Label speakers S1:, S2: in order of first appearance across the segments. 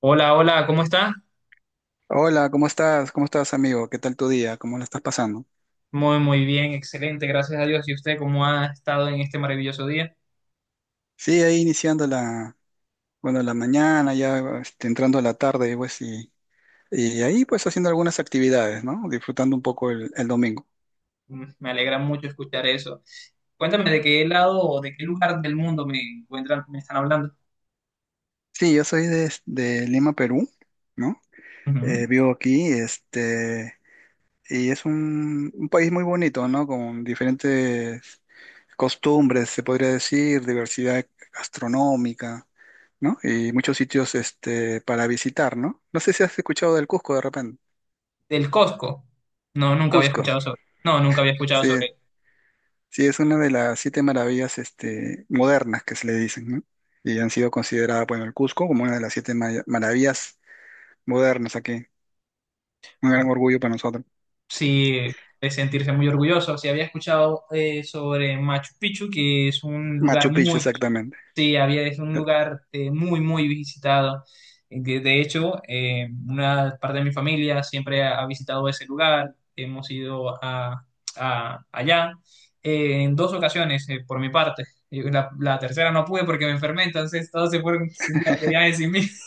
S1: Hola, hola, ¿cómo está?
S2: Hola, ¿cómo estás? ¿Cómo estás, amigo? ¿Qué tal tu día? ¿Cómo lo estás pasando?
S1: Muy, muy bien, excelente, gracias a Dios. ¿Y usted cómo ha estado en este maravilloso día?
S2: Sí, ahí iniciando bueno, la mañana, ya entrando a la tarde, pues, y ahí pues haciendo algunas actividades, ¿no? Disfrutando un poco el domingo.
S1: Me alegra mucho escuchar eso. Cuéntame de qué lado o de qué lugar del mundo me encuentran, me están hablando.
S2: Sí, yo soy de Lima, Perú, ¿no?
S1: Ujú.
S2: Vivo aquí, y es un país muy bonito, ¿no? Con diferentes costumbres, se podría decir, diversidad gastronómica. ¿No? Y muchos sitios este, para visitar, ¿no? No sé si has escuchado del Cusco de repente.
S1: Del Costco. No, nunca había
S2: Cusco,
S1: escuchado sobre. No, nunca había escuchado
S2: sí,
S1: sobre.
S2: sí, es una de las siete maravillas este, modernas que se le dicen, ¿no? Y han sido consideradas, bueno, el Cusco como una de las siete maravillas modernas aquí. Un gran orgullo para nosotros.
S1: Sí, de sentirse muy orgulloso. Sí, había escuchado sobre Machu Picchu, que es un lugar
S2: Machu Picchu,
S1: muy,
S2: exactamente.
S1: sí, es un lugar muy, muy visitado. De hecho, una parte de mi familia siempre ha visitado ese lugar. Hemos ido allá en dos ocasiones, por mi parte. Y la tercera no pude porque me enfermé, entonces todos se fueron sin via- de viaje sin mí.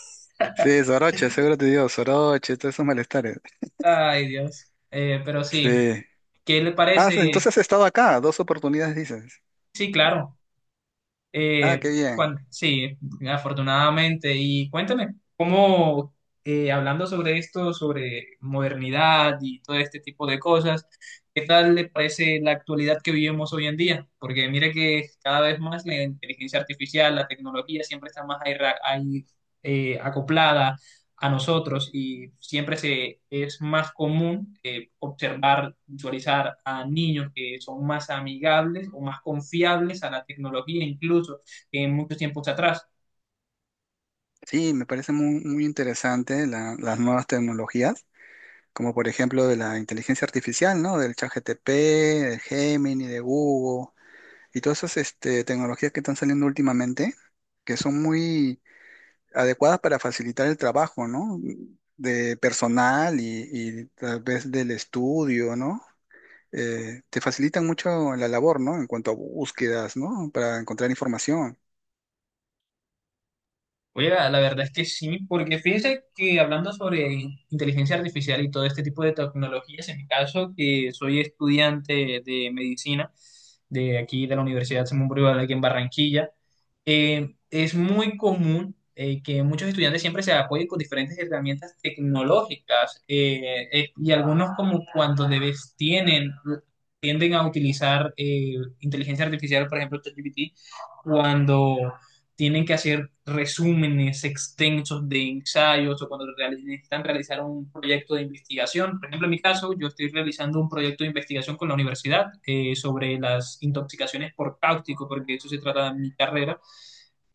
S2: Sí, Soroche, seguro te digo, Soroche, todos esos malestares.
S1: Ay, Dios. Pero sí,
S2: Sí.
S1: ¿qué le
S2: Ah, entonces
S1: parece?
S2: has estado acá, dos oportunidades dices.
S1: Sí, claro.
S2: Ah, qué bien.
S1: Sí, afortunadamente. Y cuéntame, hablando sobre esto, sobre modernidad y todo este tipo de cosas, ¿qué tal le parece la actualidad que vivimos hoy en día? Porque mire que cada vez más la inteligencia artificial, la tecnología siempre está más ahí ahí, acoplada a nosotros y siempre es más común observar, visualizar a niños que son más amigables o más confiables a la tecnología incluso que en muchos tiempos atrás.
S2: Sí, me parece muy, muy interesante las nuevas tecnologías como por ejemplo de la inteligencia artificial, ¿no? Del ChatGPT, del Gemini, de Google y todas esas este, tecnologías que están saliendo últimamente, que son muy adecuadas para facilitar el trabajo, ¿no? De personal y tal vez del estudio, ¿no? Te facilitan mucho la labor, ¿no? En cuanto a búsquedas, ¿no? Para encontrar información.
S1: Oye, la verdad es que sí, porque fíjese que hablando sobre inteligencia artificial y todo este tipo de tecnologías, en mi caso, que soy estudiante de medicina de aquí de la Universidad Simón Bolívar aquí en Barranquilla, es muy común que muchos estudiantes siempre se apoyen con diferentes herramientas tecnológicas y algunos como cuando debes tienden a utilizar inteligencia artificial, por ejemplo, ChatGPT, cuando tienen que hacer resúmenes extensos de ensayos o cuando necesitan realizar un proyecto de investigación. Por ejemplo, en mi caso, yo estoy realizando un proyecto de investigación con la universidad sobre las intoxicaciones por cáustico, porque de eso se trata de mi carrera.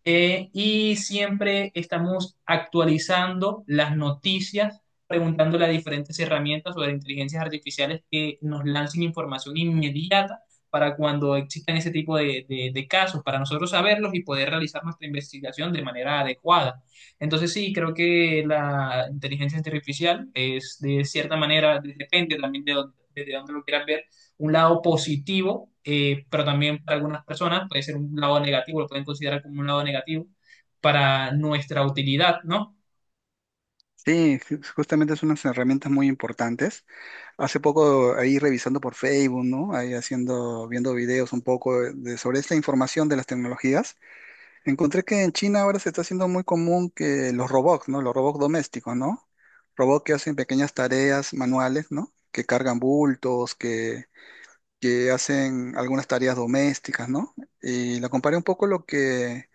S1: Y siempre estamos actualizando las noticias, preguntándole a diferentes herramientas o a inteligencias artificiales que nos lancen información inmediata para cuando existan ese tipo de casos, para nosotros saberlos y poder realizar nuestra investigación de manera adecuada. Entonces sí, creo que la inteligencia artificial es de cierta manera, depende también desde dónde lo quieras ver, un lado positivo, pero también para algunas personas puede ser un lado negativo, lo pueden considerar como un lado negativo para nuestra utilidad, ¿no?
S2: Sí, justamente son unas herramientas muy importantes. Hace poco ahí revisando por Facebook, ¿no? Ahí haciendo, viendo videos un poco de, sobre esta información de las tecnologías, encontré que en China ahora se está haciendo muy común que los robots, ¿no? Los robots domésticos, ¿no? Robots que hacen pequeñas tareas manuales, ¿no? Que cargan bultos, que hacen algunas tareas domésticas, ¿no? Y la comparé un poco lo que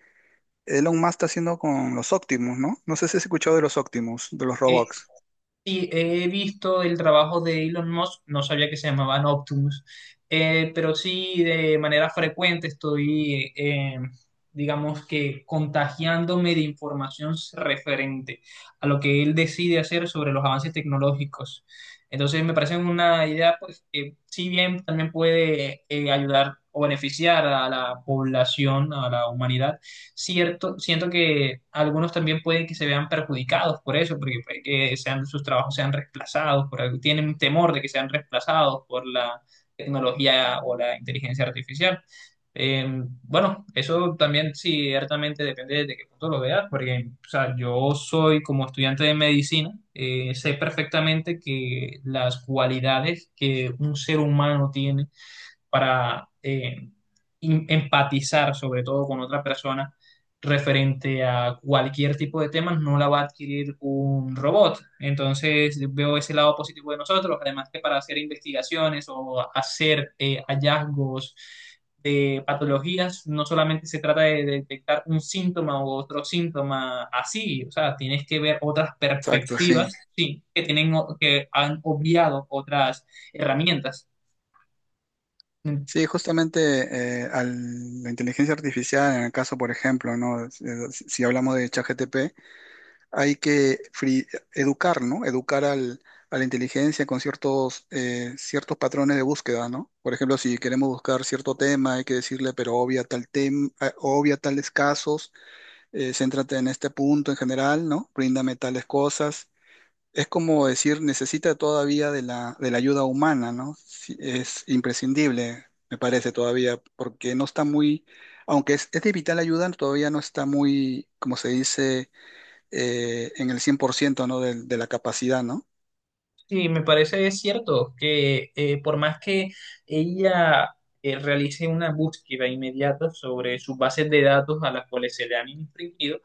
S2: Elon Musk está haciendo con los Optimus, ¿no? No sé si has escuchado de los Optimus, de los
S1: Eh,
S2: robots.
S1: Sí, he visto el trabajo de Elon Musk, no sabía que se llamaban Optimus, pero sí de manera frecuente digamos que contagiándome de información referente a lo que él decide hacer sobre los avances tecnológicos. Entonces me parece una idea pues, que si bien también puede ayudar o beneficiar a la población, a la humanidad, cierto, siento que algunos también pueden que se vean perjudicados por eso, porque puede que sean, sus trabajos sean reemplazados, por algo, tienen temor de que sean reemplazados por la tecnología o la inteligencia artificial. Eh, bueno, eso también sí, ciertamente depende de qué punto lo veas, porque o sea, yo soy como estudiante de medicina, sé perfectamente que las cualidades que un ser humano tiene para empatizar sobre todo con otra persona referente a cualquier tipo de temas, no la va a adquirir un robot. Entonces veo ese lado positivo de nosotros, además que para hacer investigaciones o hacer hallazgos de patologías, no solamente se trata de detectar un síntoma u otro síntoma así, o sea, tienes que ver otras
S2: Exacto, sí.
S1: perspectivas, sí, que tienen que han obviado otras herramientas.
S2: Sí, justamente la inteligencia artificial, en el caso, por ejemplo, ¿no? Si, si hablamos de ChatGPT, hay que educar, ¿no? Educar a la inteligencia con ciertos, ciertos patrones de búsqueda, ¿no? Por ejemplo, si queremos buscar cierto tema, hay que decirle, pero obvia tal tema, obvia tales casos, céntrate en este punto en general, ¿no? Bríndame tales cosas. Es como decir, necesita todavía de de la ayuda humana, ¿no? Sí, es imprescindible, me parece todavía, porque no está muy, aunque es de vital ayuda, todavía no está muy, como se dice, en el 100%, ¿no? De la capacidad, ¿no?
S1: Sí, me parece cierto que por más que ella realice una búsqueda inmediata sobre sus bases de datos a las cuales se le han infringido,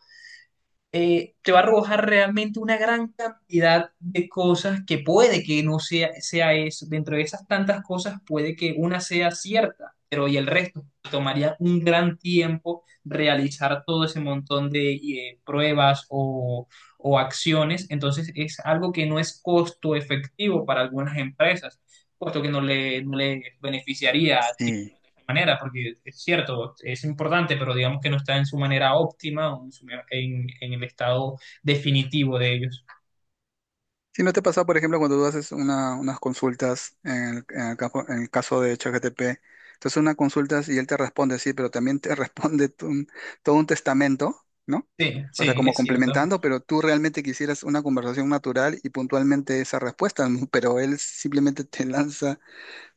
S1: te va a arrojar realmente una gran cantidad de cosas que puede que no sea eso. Dentro de esas tantas cosas puede que una sea cierta, pero y el resto tomaría un gran tiempo realizar todo ese montón de pruebas o acciones. Entonces es algo que no es costo efectivo para algunas empresas puesto que no le beneficiaría adquirirlo
S2: Sí.
S1: de esta manera, porque es cierto, es importante, pero digamos que no está en su manera óptima o en el estado definitivo de ellos.
S2: Si no te pasa, por ejemplo, cuando tú haces unas consultas en el, en el caso de ChatGPT, entonces unas consultas y él te responde, sí, pero también te responde todo un testamento, ¿no?
S1: Sí,
S2: O sea,
S1: sí,
S2: como
S1: es cierto.
S2: complementando, pero tú realmente quisieras una conversación natural y puntualmente esa respuesta, ¿no? Pero él simplemente te lanza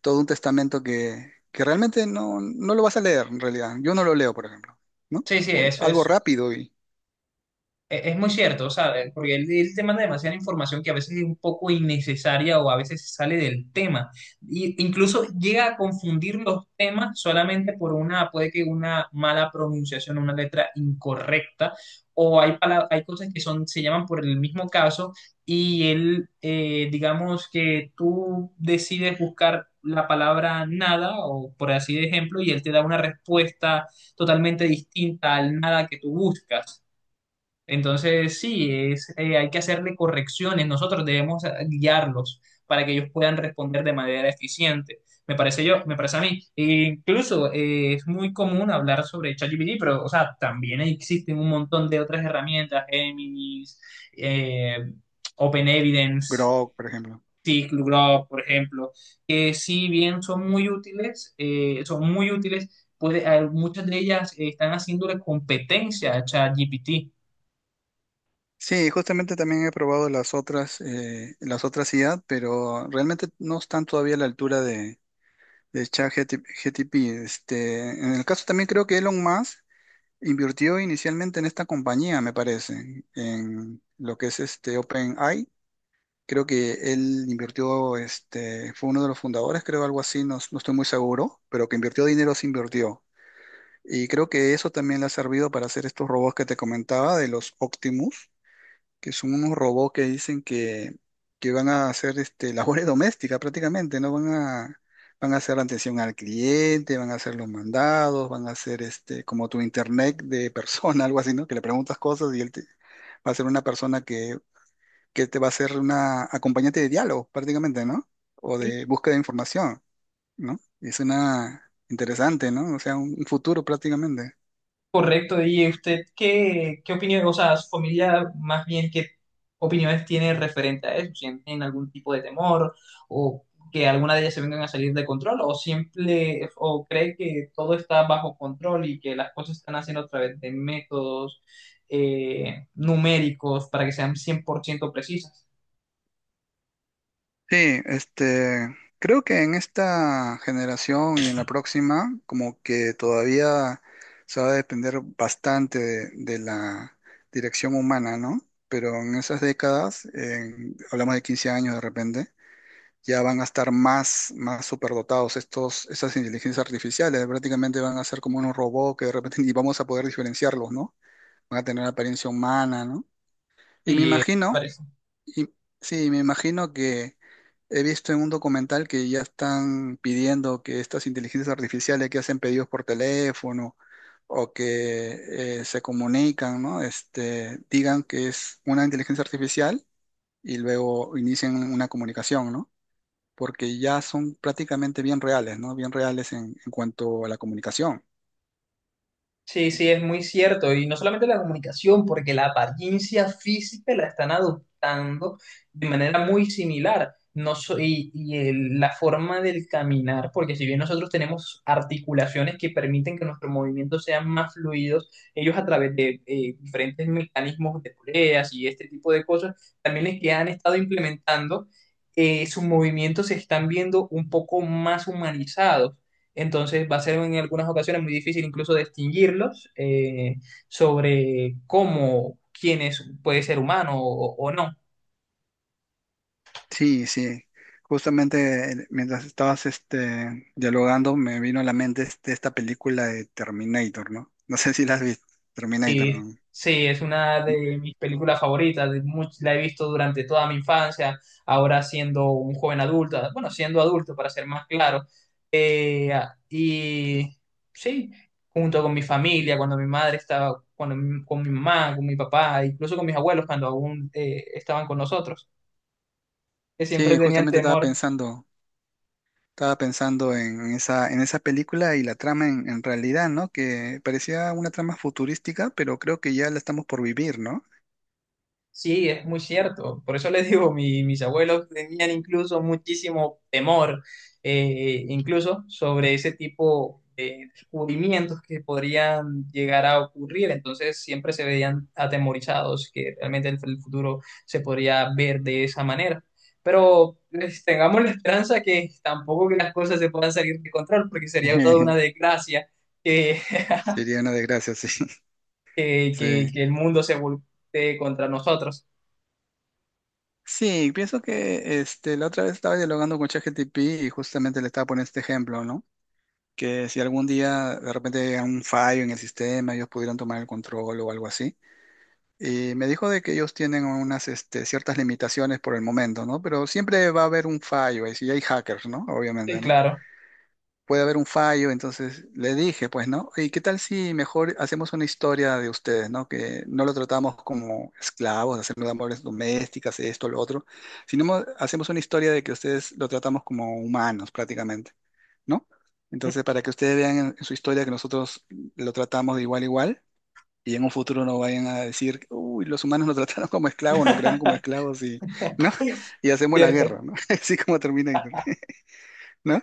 S2: todo un testamento que realmente no, no lo vas a leer en realidad. Yo no lo leo, por ejemplo, ¿no?
S1: Sí, sí, eso
S2: Algo
S1: es
S2: rápido y
S1: es muy cierto, ¿sabes? Porque él te manda demasiada información que a veces es un poco innecesaria o a veces sale del tema. Y incluso llega a confundir los temas solamente por puede que una mala pronunciación, una letra incorrecta, o hay, hay cosas que son, se llaman por el mismo caso y él, digamos que tú decides buscar la palabra nada, o por así de ejemplo, y él te da una respuesta totalmente distinta al nada que tú buscas. Entonces, sí, hay que hacerle correcciones. Nosotros debemos guiarlos para que ellos puedan responder de manera eficiente. Me parece yo, me parece a mí. E incluso es muy común hablar sobre ChatGPT, pero, o sea, también existen un montón de otras herramientas, Géminis, eh, OpenEvidence,
S2: Grok, por ejemplo.
S1: Glue, por ejemplo, que si bien son muy útiles, muchas de ellas están haciéndole competencia a ChatGPT.
S2: Sí, justamente también he probado las otras IA, pero realmente no están todavía a la altura de ChatGTP. Este, en el caso también creo que Elon Musk invirtió inicialmente en esta compañía, me parece, en lo que es este OpenAI. Creo que él invirtió, este, fue uno de los fundadores, creo algo así, no, no estoy muy seguro, pero que invirtió dinero, sí invirtió. Y creo que eso también le ha servido para hacer estos robots que te comentaba de los Optimus, que son unos robots que dicen que van a hacer este, labores domésticas prácticamente, ¿no? Van a, van a hacer la atención al cliente, van a hacer los mandados, van a hacer este, como tu internet de persona, algo así, ¿no? Que le preguntas cosas y él te, va a ser una persona que te va a ser una acompañante de diálogo prácticamente, ¿no? O de búsqueda de información, ¿no? Es una interesante, ¿no? O sea, un futuro prácticamente.
S1: Correcto, y usted qué opinión, o sea, su familia más bien qué opiniones tiene referente a eso, sienten algún tipo de temor o que alguna de ellas se vengan a salir de control o siempre o cree que todo está bajo control y que las cosas se están haciendo a través de métodos numéricos para que sean 100% precisas.
S2: Sí, este, creo que en esta generación y en la próxima, como que todavía se va a depender bastante de la dirección humana, ¿no? Pero en esas décadas, hablamos de 15 años de repente, ya van a estar más, más superdotados estos, estas inteligencias artificiales, prácticamente van a ser como unos robots que de repente ni vamos a poder diferenciarlos, ¿no? Van a tener apariencia humana, ¿no? Y me
S1: Sí,
S2: imagino
S1: parece.
S2: y- sí, me imagino que he visto en un documental que ya están pidiendo que estas inteligencias artificiales que hacen pedidos por teléfono o que se comunican, ¿no? Este, digan que es una inteligencia artificial y luego inician una comunicación, ¿no? Porque ya son prácticamente bien reales, ¿no? Bien reales en cuanto a la comunicación.
S1: Sí, sí, es muy cierto. Y no solamente la comunicación, porque la apariencia física la están adoptando de manera muy similar. No so- y el- la forma del caminar, porque si bien nosotros tenemos articulaciones que permiten que nuestros movimientos sean más fluidos, ellos a través de diferentes mecanismos de poleas y este tipo de cosas, también es que han estado implementando, sus movimientos se están viendo un poco más humanizados. Entonces va a ser en algunas ocasiones muy difícil incluso distinguirlos sobre cómo, quién es, puede ser humano o no.
S2: Sí, sí. Justamente mientras estabas este, dialogando, me vino a la mente esta película de Terminator, ¿no? No sé si la has visto, Terminator.
S1: Eh,
S2: ¿No?
S1: sí, es una
S2: Mm.
S1: de mis películas favoritas, la he visto durante toda mi infancia, ahora siendo un joven adulto, bueno, siendo adulto para ser más claro. Eh, y sí, junto con mi familia, cuando mi madre estaba, cuando con mi mamá, con mi papá, incluso con mis abuelos cuando aún estaban con nosotros, que siempre
S2: Sí,
S1: tenían
S2: justamente
S1: temor.
S2: estaba pensando en esa película y la trama en realidad, ¿no? Que parecía una trama futurística, pero creo que ya la estamos por vivir, ¿no?
S1: Sí, es muy cierto. Por eso les digo, mis abuelos tenían incluso muchísimo temor, incluso sobre ese tipo de descubrimientos que podrían llegar a ocurrir. Entonces siempre se veían atemorizados, que realmente el futuro se podría ver de esa manera. Pero pues, tengamos la esperanza que tampoco que las cosas se puedan salir de control, porque sería toda una desgracia que,
S2: Sería una desgracia, sí.
S1: que, que-
S2: Sí.
S1: que el mundo se voltee contra nosotros.
S2: Sí, pienso que este, la otra vez estaba dialogando con ChatGPT y justamente le estaba poniendo este ejemplo, ¿no? Que si algún día de repente llega un fallo en el sistema, ellos pudieran tomar el control o algo así. Y me dijo de que ellos tienen unas este, ciertas limitaciones por el momento, ¿no? Pero siempre va a haber un fallo, y si hay hackers, ¿no?
S1: Sí,
S2: Obviamente, ¿no?
S1: claro.
S2: Puede haber un fallo, entonces le dije, pues, ¿no? ¿Y qué tal si mejor hacemos una historia de ustedes, ¿no? Que no lo tratamos como esclavos, hacemos labores domésticas, esto, lo otro, sino hacemos una historia de que ustedes lo tratamos como humanos prácticamente. ¿No? Entonces, para que ustedes vean en su historia que nosotros lo tratamos de igual a igual y en un futuro no vayan a decir, uy, los humanos nos trataron como esclavos, nos crearon como esclavos y, ¿no? Y hacemos la
S1: Cierto.
S2: guerra, ¿no? Así como Terminator, ¿no?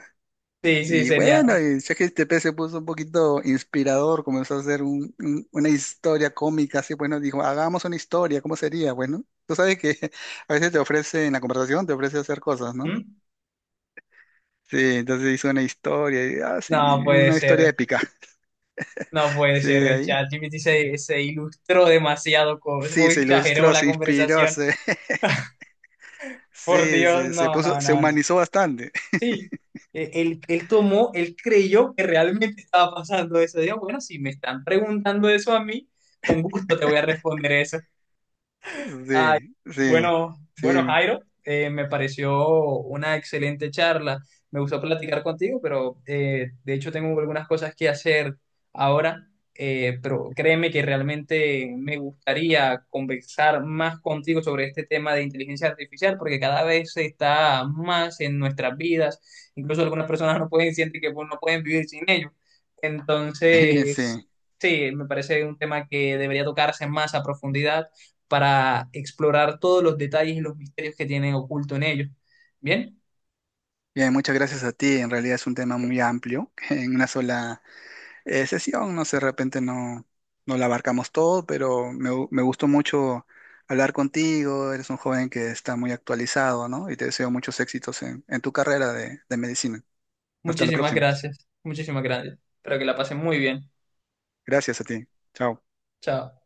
S1: Sí, sí,
S2: Y
S1: sería.
S2: bueno, y ChatGPT se puso un poquito inspirador, comenzó a hacer una historia cómica, así, bueno, dijo, hagamos una historia, ¿cómo sería? Bueno, tú sabes que a veces te ofrece, en la conversación te ofrece hacer cosas, ¿no?
S1: ¿Mm?
S2: Sí, entonces hizo una historia, y, ah, sí,
S1: No puede
S2: una historia
S1: ser.
S2: épica.
S1: No puede
S2: Sí,
S1: ser. El
S2: ahí.
S1: ChatGPT se ilustró demasiado.
S2: Sí,
S1: Uy,
S2: se
S1: exageró
S2: ilustró,
S1: la
S2: se inspiró,
S1: conversación.
S2: se,
S1: Por
S2: sí,
S1: Dios,
S2: sí, se
S1: no,
S2: puso,
S1: no,
S2: se
S1: no, no.
S2: humanizó bastante.
S1: Sí. Él creyó que realmente estaba pasando eso. Digo, bueno, si me están preguntando eso a mí, con gusto te voy a responder eso.
S2: Sí, sí,
S1: Bueno, bueno,
S2: sí,
S1: Jairo, me pareció una excelente charla. Me gustó platicar contigo, pero de hecho tengo algunas cosas que hacer ahora, pero créeme que realmente me gustaría conversar más contigo sobre este tema de inteligencia artificial, porque cada vez está más en nuestras vidas. Incluso algunas personas no pueden sentir que pues, no pueden vivir sin ello. Entonces,
S2: sí.
S1: sí, me parece un tema que debería tocarse más a profundidad para explorar todos los detalles y los misterios que tienen oculto en ellos. Bien,
S2: Bien, muchas gracias a ti. En realidad es un tema muy amplio. En una sola sesión, no sé, de repente no, no la abarcamos todo, pero me, me gustó mucho hablar contigo. Eres un joven que está muy actualizado, ¿no? Y te deseo muchos éxitos en tu carrera de medicina. Hasta la
S1: muchísimas
S2: próxima.
S1: gracias, muchísimas gracias. Espero que la pasen muy bien.
S2: Gracias a ti. Chao.
S1: Chao.